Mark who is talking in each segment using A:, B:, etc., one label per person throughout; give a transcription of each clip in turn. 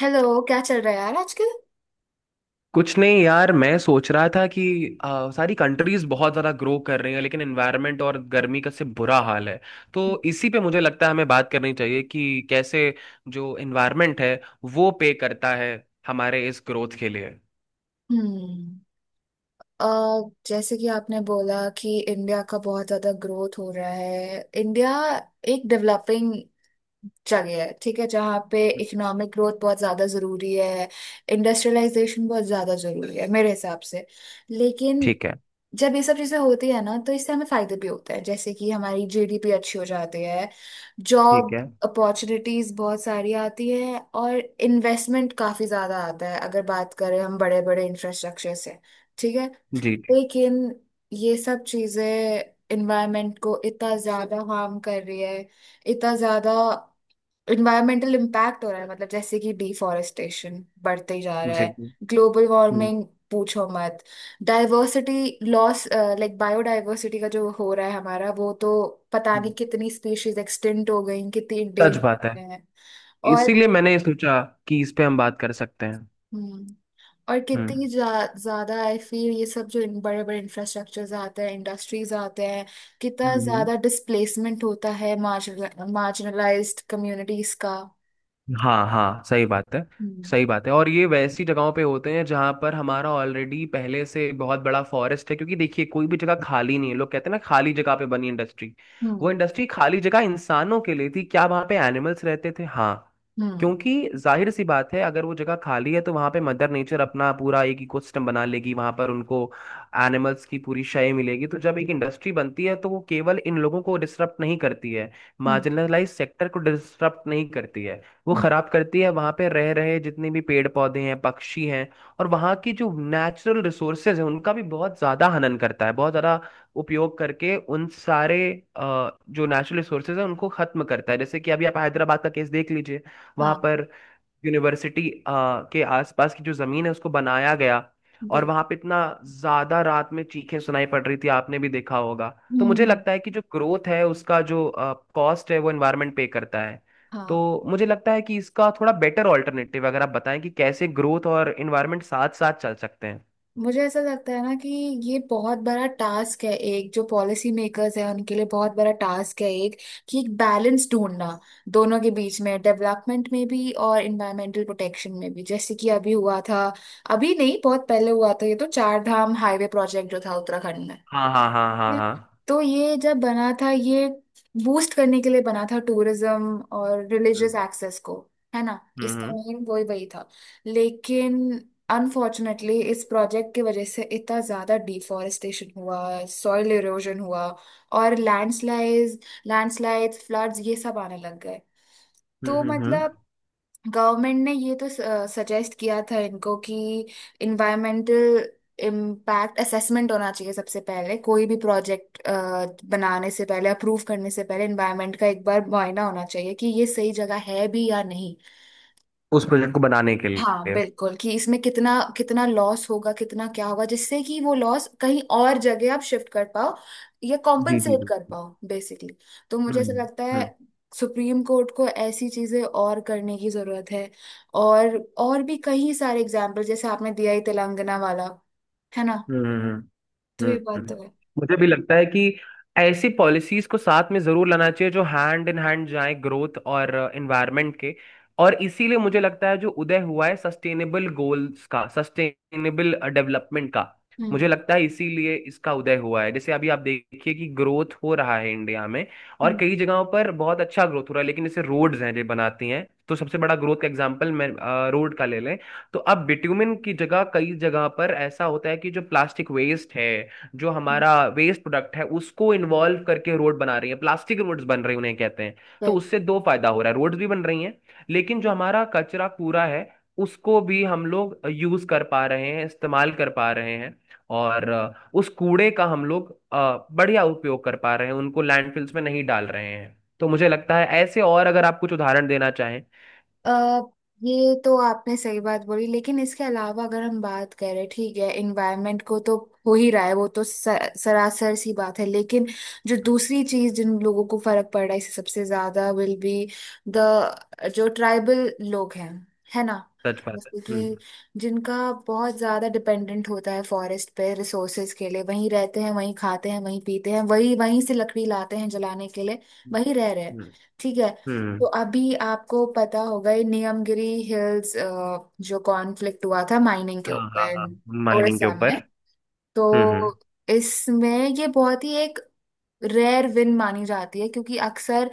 A: Hello, क्या चल रहा है यार आजकल।
B: कुछ नहीं यार, मैं सोच रहा था कि सारी कंट्रीज बहुत ज़्यादा ग्रो कर रही हैं लेकिन एनवायरनमेंट और गर्मी का से बुरा हाल है। तो इसी पे मुझे लगता है हमें बात करनी चाहिए कि कैसे जो एनवायरनमेंट है वो पे करता है हमारे इस ग्रोथ के लिए।
A: हम्म। अ, जैसे कि आपने बोला कि इंडिया का बहुत ज्यादा ग्रोथ हो रहा है। इंडिया एक डेवलपिंग जगह है, ठीक है, जहाँ पे इकोनॉमिक ग्रोथ बहुत ज्यादा जरूरी है। इंडस्ट्रियलाइजेशन बहुत ज्यादा जरूरी है मेरे हिसाब से। लेकिन
B: ठीक है।
A: जब ये सब चीजें होती है ना, तो इससे हमें फायदे भी होते हैं, जैसे कि हमारी जीडीपी अच्छी हो जाती है,
B: ठीक
A: जॉब
B: है।
A: अपॉर्चुनिटीज बहुत सारी आती है और इन्वेस्टमेंट काफी ज्यादा आता है। अगर बात करें हम बड़े बड़े इंफ्रास्ट्रक्चर से, ठीक है,
B: जी जी।
A: लेकिन ये सब चीजें इन्वायरमेंट को इतना ज्यादा हार्म कर रही है। इतना ज्यादा इन्वायरमेंटल इम्पैक्ट हो रहा है। मतलब जैसे कि डिफॉरेस्टेशन बढ़ते ही जा रहा
B: जी
A: है,
B: जी,
A: ग्लोबल
B: हम्म,
A: वार्मिंग पूछो मत। डाइवर्सिटी लॉस, लाइक बायोडाइवर्सिटी का जो हो रहा है हमारा, वो तो पता
B: हम्म।
A: नहीं कितनी स्पीशीज एक्सटिंक्ट हो गई, कितनी
B: सच बात है।
A: इंडेंजर हैं। और
B: इसीलिए मैंने ये सोचा कि इस पे हम बात कर सकते हैं।
A: हम्म, और
B: हम्म
A: कितनी ज्यादा आई फील ये सब जो इन बड़े बड़े इंफ्रास्ट्रक्चर्स आते हैं, इंडस्ट्रीज आते हैं, कितना
B: हम्म।
A: ज्यादा डिस्प्लेसमेंट होता है मार्जिनलाइज्ड कम्युनिटीज का।
B: हाँ हाँ, सही बात है।
A: हम्म।
B: सही बात है, और ये वैसी जगहों पे होते हैं जहाँ पर हमारा ऑलरेडी पहले से बहुत बड़ा फॉरेस्ट है, क्योंकि देखिए कोई भी जगह खाली नहीं है। लोग कहते हैं ना खाली जगह पे बनी इंडस्ट्री, वो
A: हम्म।
B: इंडस्ट्री खाली जगह इंसानों के लिए थी क्या? वहाँ पे एनिमल्स रहते थे, हाँ।
A: हम्म।
B: क्योंकि जाहिर सी बात है अगर वो जगह खाली है तो वहाँ पे मदर नेचर अपना पूरा एक इकोसिस्टम बना लेगी। वहाँ पर उनको एनिमल्स की पूरी शय मिलेगी। तो जब एक इंडस्ट्री बनती है तो वो केवल इन लोगों को डिस्टर्ब नहीं करती है,
A: हम्म।
B: मार्जिनलाइज सेक्टर को डिस्टर्ब नहीं करती है। वो
A: हम्म,
B: खराब करती है वहां पे रह रहे जितने भी पेड़ पौधे हैं, पक्षी हैं। और वहां की जो नेचुरल रिसोर्सेज है उनका भी बहुत ज्यादा हनन करता है, बहुत ज्यादा उपयोग करके उन सारे जो नेचुरल रिसोर्सेज है उनको खत्म करता है। जैसे कि अभी आप हैदराबाद का केस देख लीजिए। वहां
A: हाँ,
B: पर यूनिवर्सिटी के आसपास की जो जमीन है उसको बनाया गया, और
A: बिल्कुल।
B: वहां पे इतना ज्यादा रात में चीखें सुनाई पड़ रही थी, आपने भी देखा होगा। तो मुझे
A: हम्म।
B: लगता है कि जो ग्रोथ है उसका जो कॉस्ट है वो एनवायरनमेंट पे करता है। तो
A: हाँ,
B: मुझे लगता है कि इसका थोड़ा बेटर ऑल्टरनेटिव अगर आप बताएं कि कैसे ग्रोथ और एनवायरनमेंट साथ साथ चल सकते हैं।
A: मुझे ऐसा लगता है ना कि ये बहुत बड़ा टास्क है एक, जो पॉलिसी मेकर्स है उनके लिए बहुत बड़ा टास्क है एक, कि एक बैलेंस ढूंढना दोनों के बीच में, डेवलपमेंट में भी और इन्वायरमेंटल प्रोटेक्शन में भी। जैसे कि अभी हुआ था, अभी नहीं बहुत पहले हुआ था ये, तो चार धाम हाईवे प्रोजेक्ट जो था उत्तराखंड में।
B: हाँ हाँ हाँ हाँ हाँ।
A: तो ये जब बना था, ये बूस्ट करने के लिए बना था टूरिज्म और रिलीजियस
B: हम्म
A: एक्सेस को, है ना, इसका
B: हम्म
A: मेन वही वही था। लेकिन अनफॉर्चुनेटली इस प्रोजेक्ट की वजह से इतना ज़्यादा डिफॉरेस्टेशन हुआ, सॉइल इरोजन हुआ और लैंडस्लाइड लैंडस्लाइड फ्लड्स ये सब आने लग गए।
B: हम्म।
A: तो
B: हम्म।
A: मतलब गवर्नमेंट ने ये तो सजेस्ट किया था इनको कि इन्वायरमेंटल इम्पैक्ट असेसमेंट होना चाहिए सबसे पहले, कोई भी प्रोजेक्ट बनाने से पहले अप्रूव करने से पहले इन्वायरमेंट का एक बार मुआयना होना चाहिए कि ये सही जगह है भी या नहीं।
B: उस प्रोजेक्ट को बनाने के
A: हाँ,
B: लिए।
A: बिल्कुल, कि इसमें कितना कितना लॉस होगा, कितना क्या होगा, जिससे कि वो लॉस कहीं और जगह आप शिफ्ट कर पाओ या
B: जी जी
A: कॉम्पनसेट
B: जी।
A: कर पाओ बेसिकली। तो मुझे ऐसा
B: हम्म
A: लगता है
B: हम्म।
A: सुप्रीम कोर्ट को ऐसी चीजें और करने की जरूरत है। और भी कई सारे एग्जाम्पल, जैसे आपने दिया ही तेलंगाना वाला, है ना।
B: हम्म हम्म,
A: तो
B: हम्म।
A: ये बात
B: हम्म।
A: तो है।
B: मुझे भी लगता है कि ऐसी पॉलिसीज को साथ में जरूर लाना चाहिए जो हैंड इन हैंड जाए ग्रोथ और एनवायरनमेंट के। और इसीलिए मुझे लगता है जो उदय हुआ है सस्टेनेबल गोल्स का, सस्टेनेबल डेवलपमेंट का, मुझे
A: हम्म।
B: लगता है इसीलिए इसका उदय हुआ है। जैसे अभी आप देखिए कि ग्रोथ हो रहा है इंडिया में, और
A: हम्म,
B: कई जगहों पर बहुत अच्छा ग्रोथ हो रहा है। लेकिन जैसे रोड्स हैं जो बनाती हैं, तो सबसे बड़ा ग्रोथ का एग्जांपल मैं रोड का ले लें। तो अब बिट्यूमिन की जगह कई जगह पर ऐसा होता है कि जो प्लास्टिक वेस्ट है, जो हमारा वेस्ट प्रोडक्ट है, उसको इन्वॉल्व करके रोड बना रही है। प्लास्टिक रोड्स बन रही हैं उन्हें कहते हैं। तो
A: हम्म।
B: उससे दो फायदा हो रहा है, रोड्स भी बन रही हैं, लेकिन जो हमारा कचरा कूड़ा है उसको भी हम लोग यूज कर पा रहे हैं, इस्तेमाल कर पा रहे हैं। और उस कूड़े का हम लोग बढ़िया उपयोग कर पा रहे हैं, उनको लैंडफिल्स में नहीं डाल रहे हैं। तो मुझे लगता है ऐसे, और अगर आप कुछ उदाहरण देना चाहें।
A: अ, ये तो आपने सही बात बोली, लेकिन इसके अलावा अगर हम बात करें, ठीक है, इन्वायरमेंट को तो हो ही रहा है वो तो, सरासर सी बात है। लेकिन जो दूसरी चीज, जिन लोगों को फर्क पड़ रहा है इससे सबसे ज्यादा, विल बी द, जो ट्राइबल लोग हैं, है ना,
B: सच बात है।
A: जैसे कि जिनका बहुत ज्यादा डिपेंडेंट होता है फॉरेस्ट पे, रिसोर्सेज के लिए वहीं रहते हैं, वहीं खाते हैं, वहीं पीते हैं, वहीं वहीं से लकड़ी लाते हैं जलाने के लिए,
B: हम्म।
A: वहीं रह रहे हैं,
B: हम्म
A: ठीक है।
B: हम्म,
A: तो अभी आपको पता होगा ये नियमगिरी हिल्स जो कॉन्फ्लिक्ट हुआ था माइनिंग के
B: हाँ हाँ
A: ऊपर
B: हाँ। माइनिंग के
A: उड़ीसा
B: ऊपर।
A: में। तो
B: हम्म।
A: इसमें ये बहुत ही एक रेयर विन मानी जाती है, क्योंकि अक्सर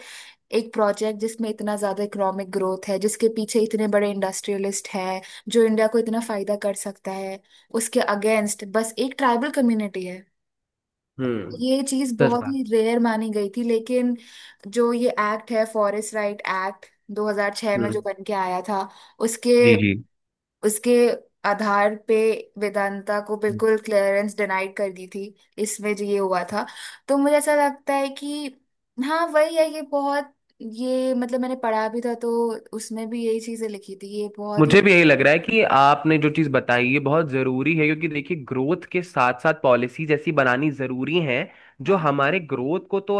A: एक प्रोजेक्ट जिसमें इतना ज्यादा इकोनॉमिक ग्रोथ है, जिसके पीछे इतने बड़े इंडस्ट्रियलिस्ट हैं, जो इंडिया को इतना फायदा कर सकता है, उसके अगेंस्ट बस एक ट्राइबल कम्युनिटी है।
B: हम्म।
A: ये चीज
B: सच
A: बहुत
B: बात।
A: ही रेयर मानी गई थी। लेकिन जो ये एक्ट है, फॉरेस्ट राइट एक्ट, 2006 में जो
B: हम्म,
A: बन के आया था, उसके
B: जी जी।
A: उसके आधार पे वेदांता को बिल्कुल क्लियरेंस डिनाइड कर दी थी इसमें, जो ये हुआ था। तो मुझे ऐसा लगता है कि हाँ वही है ये, बहुत ये मतलब मैंने पढ़ा भी था, तो उसमें भी यही चीजें लिखी थी, ये बहुत ही।
B: मुझे भी यही लग रहा है कि आपने जो चीज़ बताई ये बहुत ज़रूरी है। क्योंकि देखिए ग्रोथ के साथ साथ पॉलिसीज ऐसी बनानी ज़रूरी हैं जो
A: हाँ।
B: हमारे ग्रोथ को तो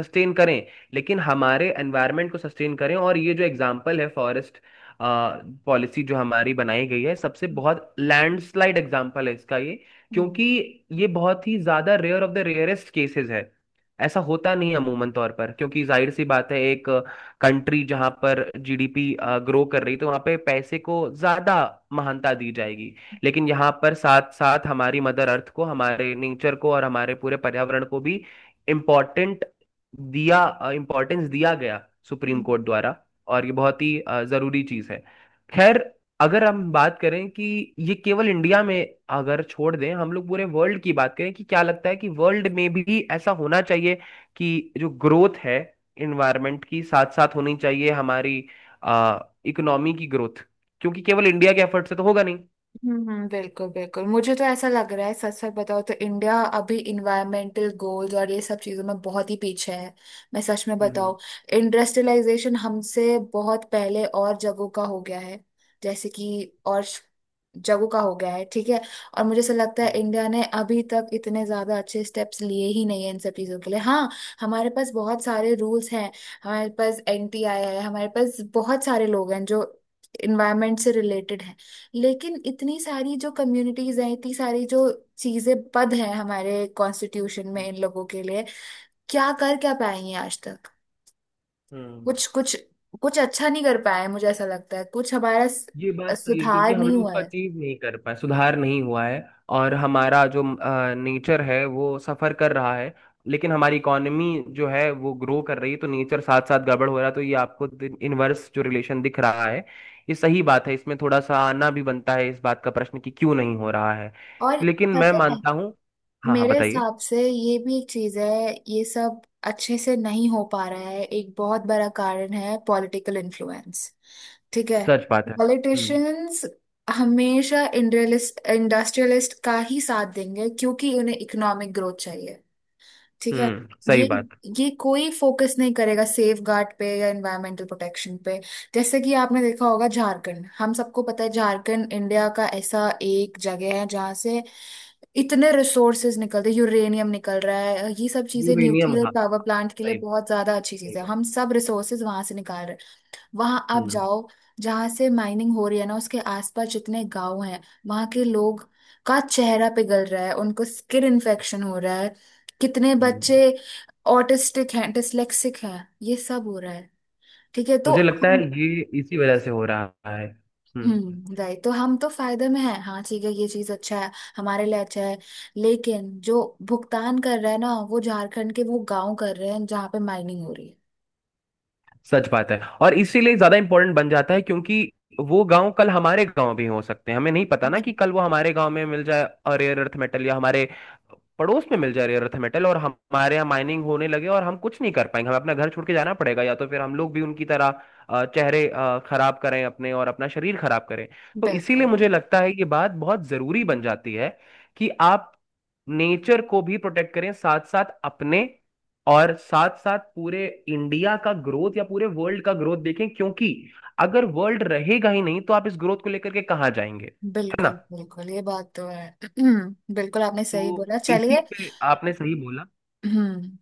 B: सस्टेन करें, लेकिन हमारे एनवायरनमेंट को सस्टेन करें। और ये जो एग्जांपल है फॉरेस्ट पॉलिसी जो हमारी बनाई गई है, सबसे बहुत लैंडस्लाइड एग्जांपल है इसका ये।
A: हम्म।
B: क्योंकि ये बहुत ही ज़्यादा rare of the rarest cases है, ऐसा होता नहीं है अमूमन तौर पर। क्योंकि जाहिर सी बात है, एक कंट्री जहां पर जीडीपी ग्रो कर रही, तो वहां पे पैसे को ज्यादा महानता दी जाएगी। लेकिन यहाँ पर साथ साथ हमारी मदर अर्थ को, हमारे नेचर को और हमारे पूरे पर्यावरण को भी इम्पोर्टेंट दिया, इम्पोर्टेंस दिया गया सुप्रीम
A: हम्म।
B: कोर्ट द्वारा। और ये बहुत ही जरूरी चीज है। खैर, अगर हम बात करें कि ये केवल इंडिया में, अगर छोड़ दें हम लोग पूरे वर्ल्ड की बात करें, कि क्या लगता है कि वर्ल्ड में भी ऐसा होना चाहिए कि जो ग्रोथ है इन्वायरमेंट की साथ साथ होनी चाहिए हमारी आ, इकोनॉमी की ग्रोथ। क्योंकि केवल इंडिया के एफर्ट से तो होगा नहीं।
A: हम्म। बिल्कुल बिल्कुल। मुझे तो ऐसा लग रहा है, सच सच बताओ तो, इंडिया अभी इन्वायरमेंटल गोल्स और ये सब चीजों में बहुत ही पीछे है। मैं सच में
B: हम्म
A: बताऊं, इंडस्ट्रियलाइजेशन हमसे बहुत पहले और जगहों का हो गया है, जैसे कि और जगहों का हो गया है, ठीक है। और मुझे ऐसा लगता है
B: हम्म।
A: इंडिया ने अभी तक इतने ज्यादा अच्छे स्टेप्स लिए ही नहीं है इन सब चीजों के लिए। हाँ, हमारे पास बहुत सारे रूल्स हैं, हमारे पास एनटीआई है, हमारे पास बहुत सारे लोग हैं जो इन्वायरमेंट से रिलेटेड। लेकिन इतनी सारी जो कम्युनिटीज हैं, इतनी सारी जो चीजें पद हैं हमारे कॉन्स्टिट्यूशन में
B: हम्म,
A: इन लोगों के लिए, क्या कर क्या पाए हैं आज तक।
B: हम्म।
A: कुछ कुछ कुछ अच्छा नहीं कर पाए हैं, मुझे ऐसा लगता है कुछ हमारा
B: ये बात सही है क्योंकि
A: सुधार
B: हम
A: नहीं
B: लोग
A: हुआ
B: उसको
A: है।
B: अचीव नहीं कर पाए, सुधार नहीं हुआ है। और हमारा जो नेचर है वो सफर कर रहा है, लेकिन हमारी इकोनॉमी जो है वो ग्रो कर रही है। तो नेचर साथ साथ गड़बड़ हो रहा है, तो ये आपको इनवर्स जो रिलेशन दिख रहा है, ये सही बात है। इसमें थोड़ा सा आना भी बनता है इस बात का प्रश्न कि क्यों नहीं हो रहा है।
A: और
B: लेकिन मैं
A: पता है,
B: मानता हूँ। हाँ हाँ,
A: मेरे
B: बताइए।
A: हिसाब से ये भी एक चीज है, ये सब अच्छे से नहीं हो पा रहा है, एक बहुत बड़ा कारण है पॉलिटिकल इन्फ्लुएंस, ठीक है।
B: सच बात है।
A: पॉलिटिशियंस हमेशा इंडस्ट्रियलिस्ट इंडस्ट्रियलिस्ट का ही साथ देंगे क्योंकि उन्हें इकोनॉमिक ग्रोथ चाहिए, ठीक है।
B: हम्म, सही
A: ये
B: बात।
A: ये कोई फोकस नहीं करेगा सेफ गार्ड पे या एनवायरमेंटल प्रोटेक्शन पे। जैसे कि आपने देखा होगा झारखंड, हम सबको पता है झारखंड इंडिया का ऐसा एक जगह है जहाँ से इतने रिसोर्सेज निकलते हैं, यूरेनियम निकल रहा है, ये सब चीजें
B: यूरेनियम,
A: न्यूक्लियर
B: हाँ।
A: पावर प्लांट के लिए
B: सही।
A: बहुत ज्यादा अच्छी
B: सही
A: चीज है,
B: बात।
A: हम सब रिसोर्सेज वहां से निकाल रहे हैं। वहां आप
B: हम्म।
A: जाओ, जहां से माइनिंग हो रही है ना, उसके आसपास जितने गांव हैं, वहां के लोग का चेहरा पिघल रहा है, उनको स्किन इन्फेक्शन हो रहा है, कितने
B: हम्म।
A: बच्चे ऑटिस्टिक हैं, डिसलेक्सिक हैं, ये सब हो रहा है, ठीक है। तो
B: मुझे लगता है
A: हम
B: ये इसी वजह से हो रहा है। हम्म।
A: हम्म, राइट, तो हम तो फायदे में हैं हाँ, ठीक है, ये चीज अच्छा है, हमारे लिए अच्छा है। लेकिन जो भुगतान कर रहा है ना, वो झारखंड के वो गांव कर रहे हैं जहाँ पे माइनिंग हो रही
B: सच बात है, और इसीलिए ज्यादा इम्पोर्टेंट बन जाता है। क्योंकि वो गांव कल हमारे गांव भी हो सकते हैं, हमें नहीं पता ना
A: है।
B: कि कल वो हमारे गांव में मिल जाए रेयर अर्थ मेटल, या हमारे पड़ोस में मिल जाए रेयर अर्थ मेटल और हमारे यहाँ माइनिंग होने लगे, और हम कुछ नहीं कर पाएंगे। हमें अपना घर छोड़ के जाना पड़ेगा, या तो फिर हम लोग भी उनकी तरह चेहरे खराब करें अपने, और अपना शरीर खराब करें। तो इसीलिए
A: बिल्कुल।
B: मुझे लगता है ये बात बहुत जरूरी बन जाती है कि आप नेचर को भी प्रोटेक्ट करें साथ साथ अपने, और साथ साथ पूरे इंडिया का ग्रोथ या पूरे वर्ल्ड का ग्रोथ देखें। क्योंकि अगर वर्ल्ड रहेगा ही नहीं तो आप इस ग्रोथ को लेकर के कहाँ जाएंगे? है
A: बिल्कुल
B: ना?
A: बिल्कुल ये बात तो है। बिल्कुल आपने सही
B: तो
A: बोला,
B: इसी
A: चलिए।
B: पे आपने सही बोला।
A: हम्म,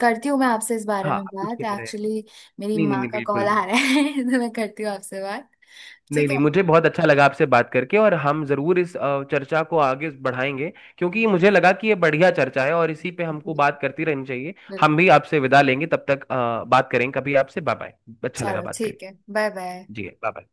A: करती हूँ मैं आपसे इस बारे
B: हाँ,
A: में
B: आप कुछ
A: बात
B: कह रहे हैं?
A: एक्चुअली, मेरी
B: नहीं नहीं
A: माँ
B: नहीं,
A: का कॉल
B: बिल्कुल।
A: आ रहा है। तो मैं करती हूँ आपसे बात,
B: नहीं
A: ठीक है।
B: नहीं, मुझे बहुत अच्छा लगा आपसे बात करके, और हम जरूर इस चर्चा को आगे बढ़ाएंगे। क्योंकि मुझे लगा कि ये बढ़िया चर्चा है और इसी पे
A: बिल्कुल
B: हमको बात करती रहनी चाहिए। हम
A: बिल्कुल
B: भी आपसे विदा लेंगे, तब तक बात करेंगे कभी आपसे। Bye bye. अच्छा लगा
A: चलो,
B: बात
A: ठीक
B: करके।
A: है, बाय बाय।
B: जी बाय बाय।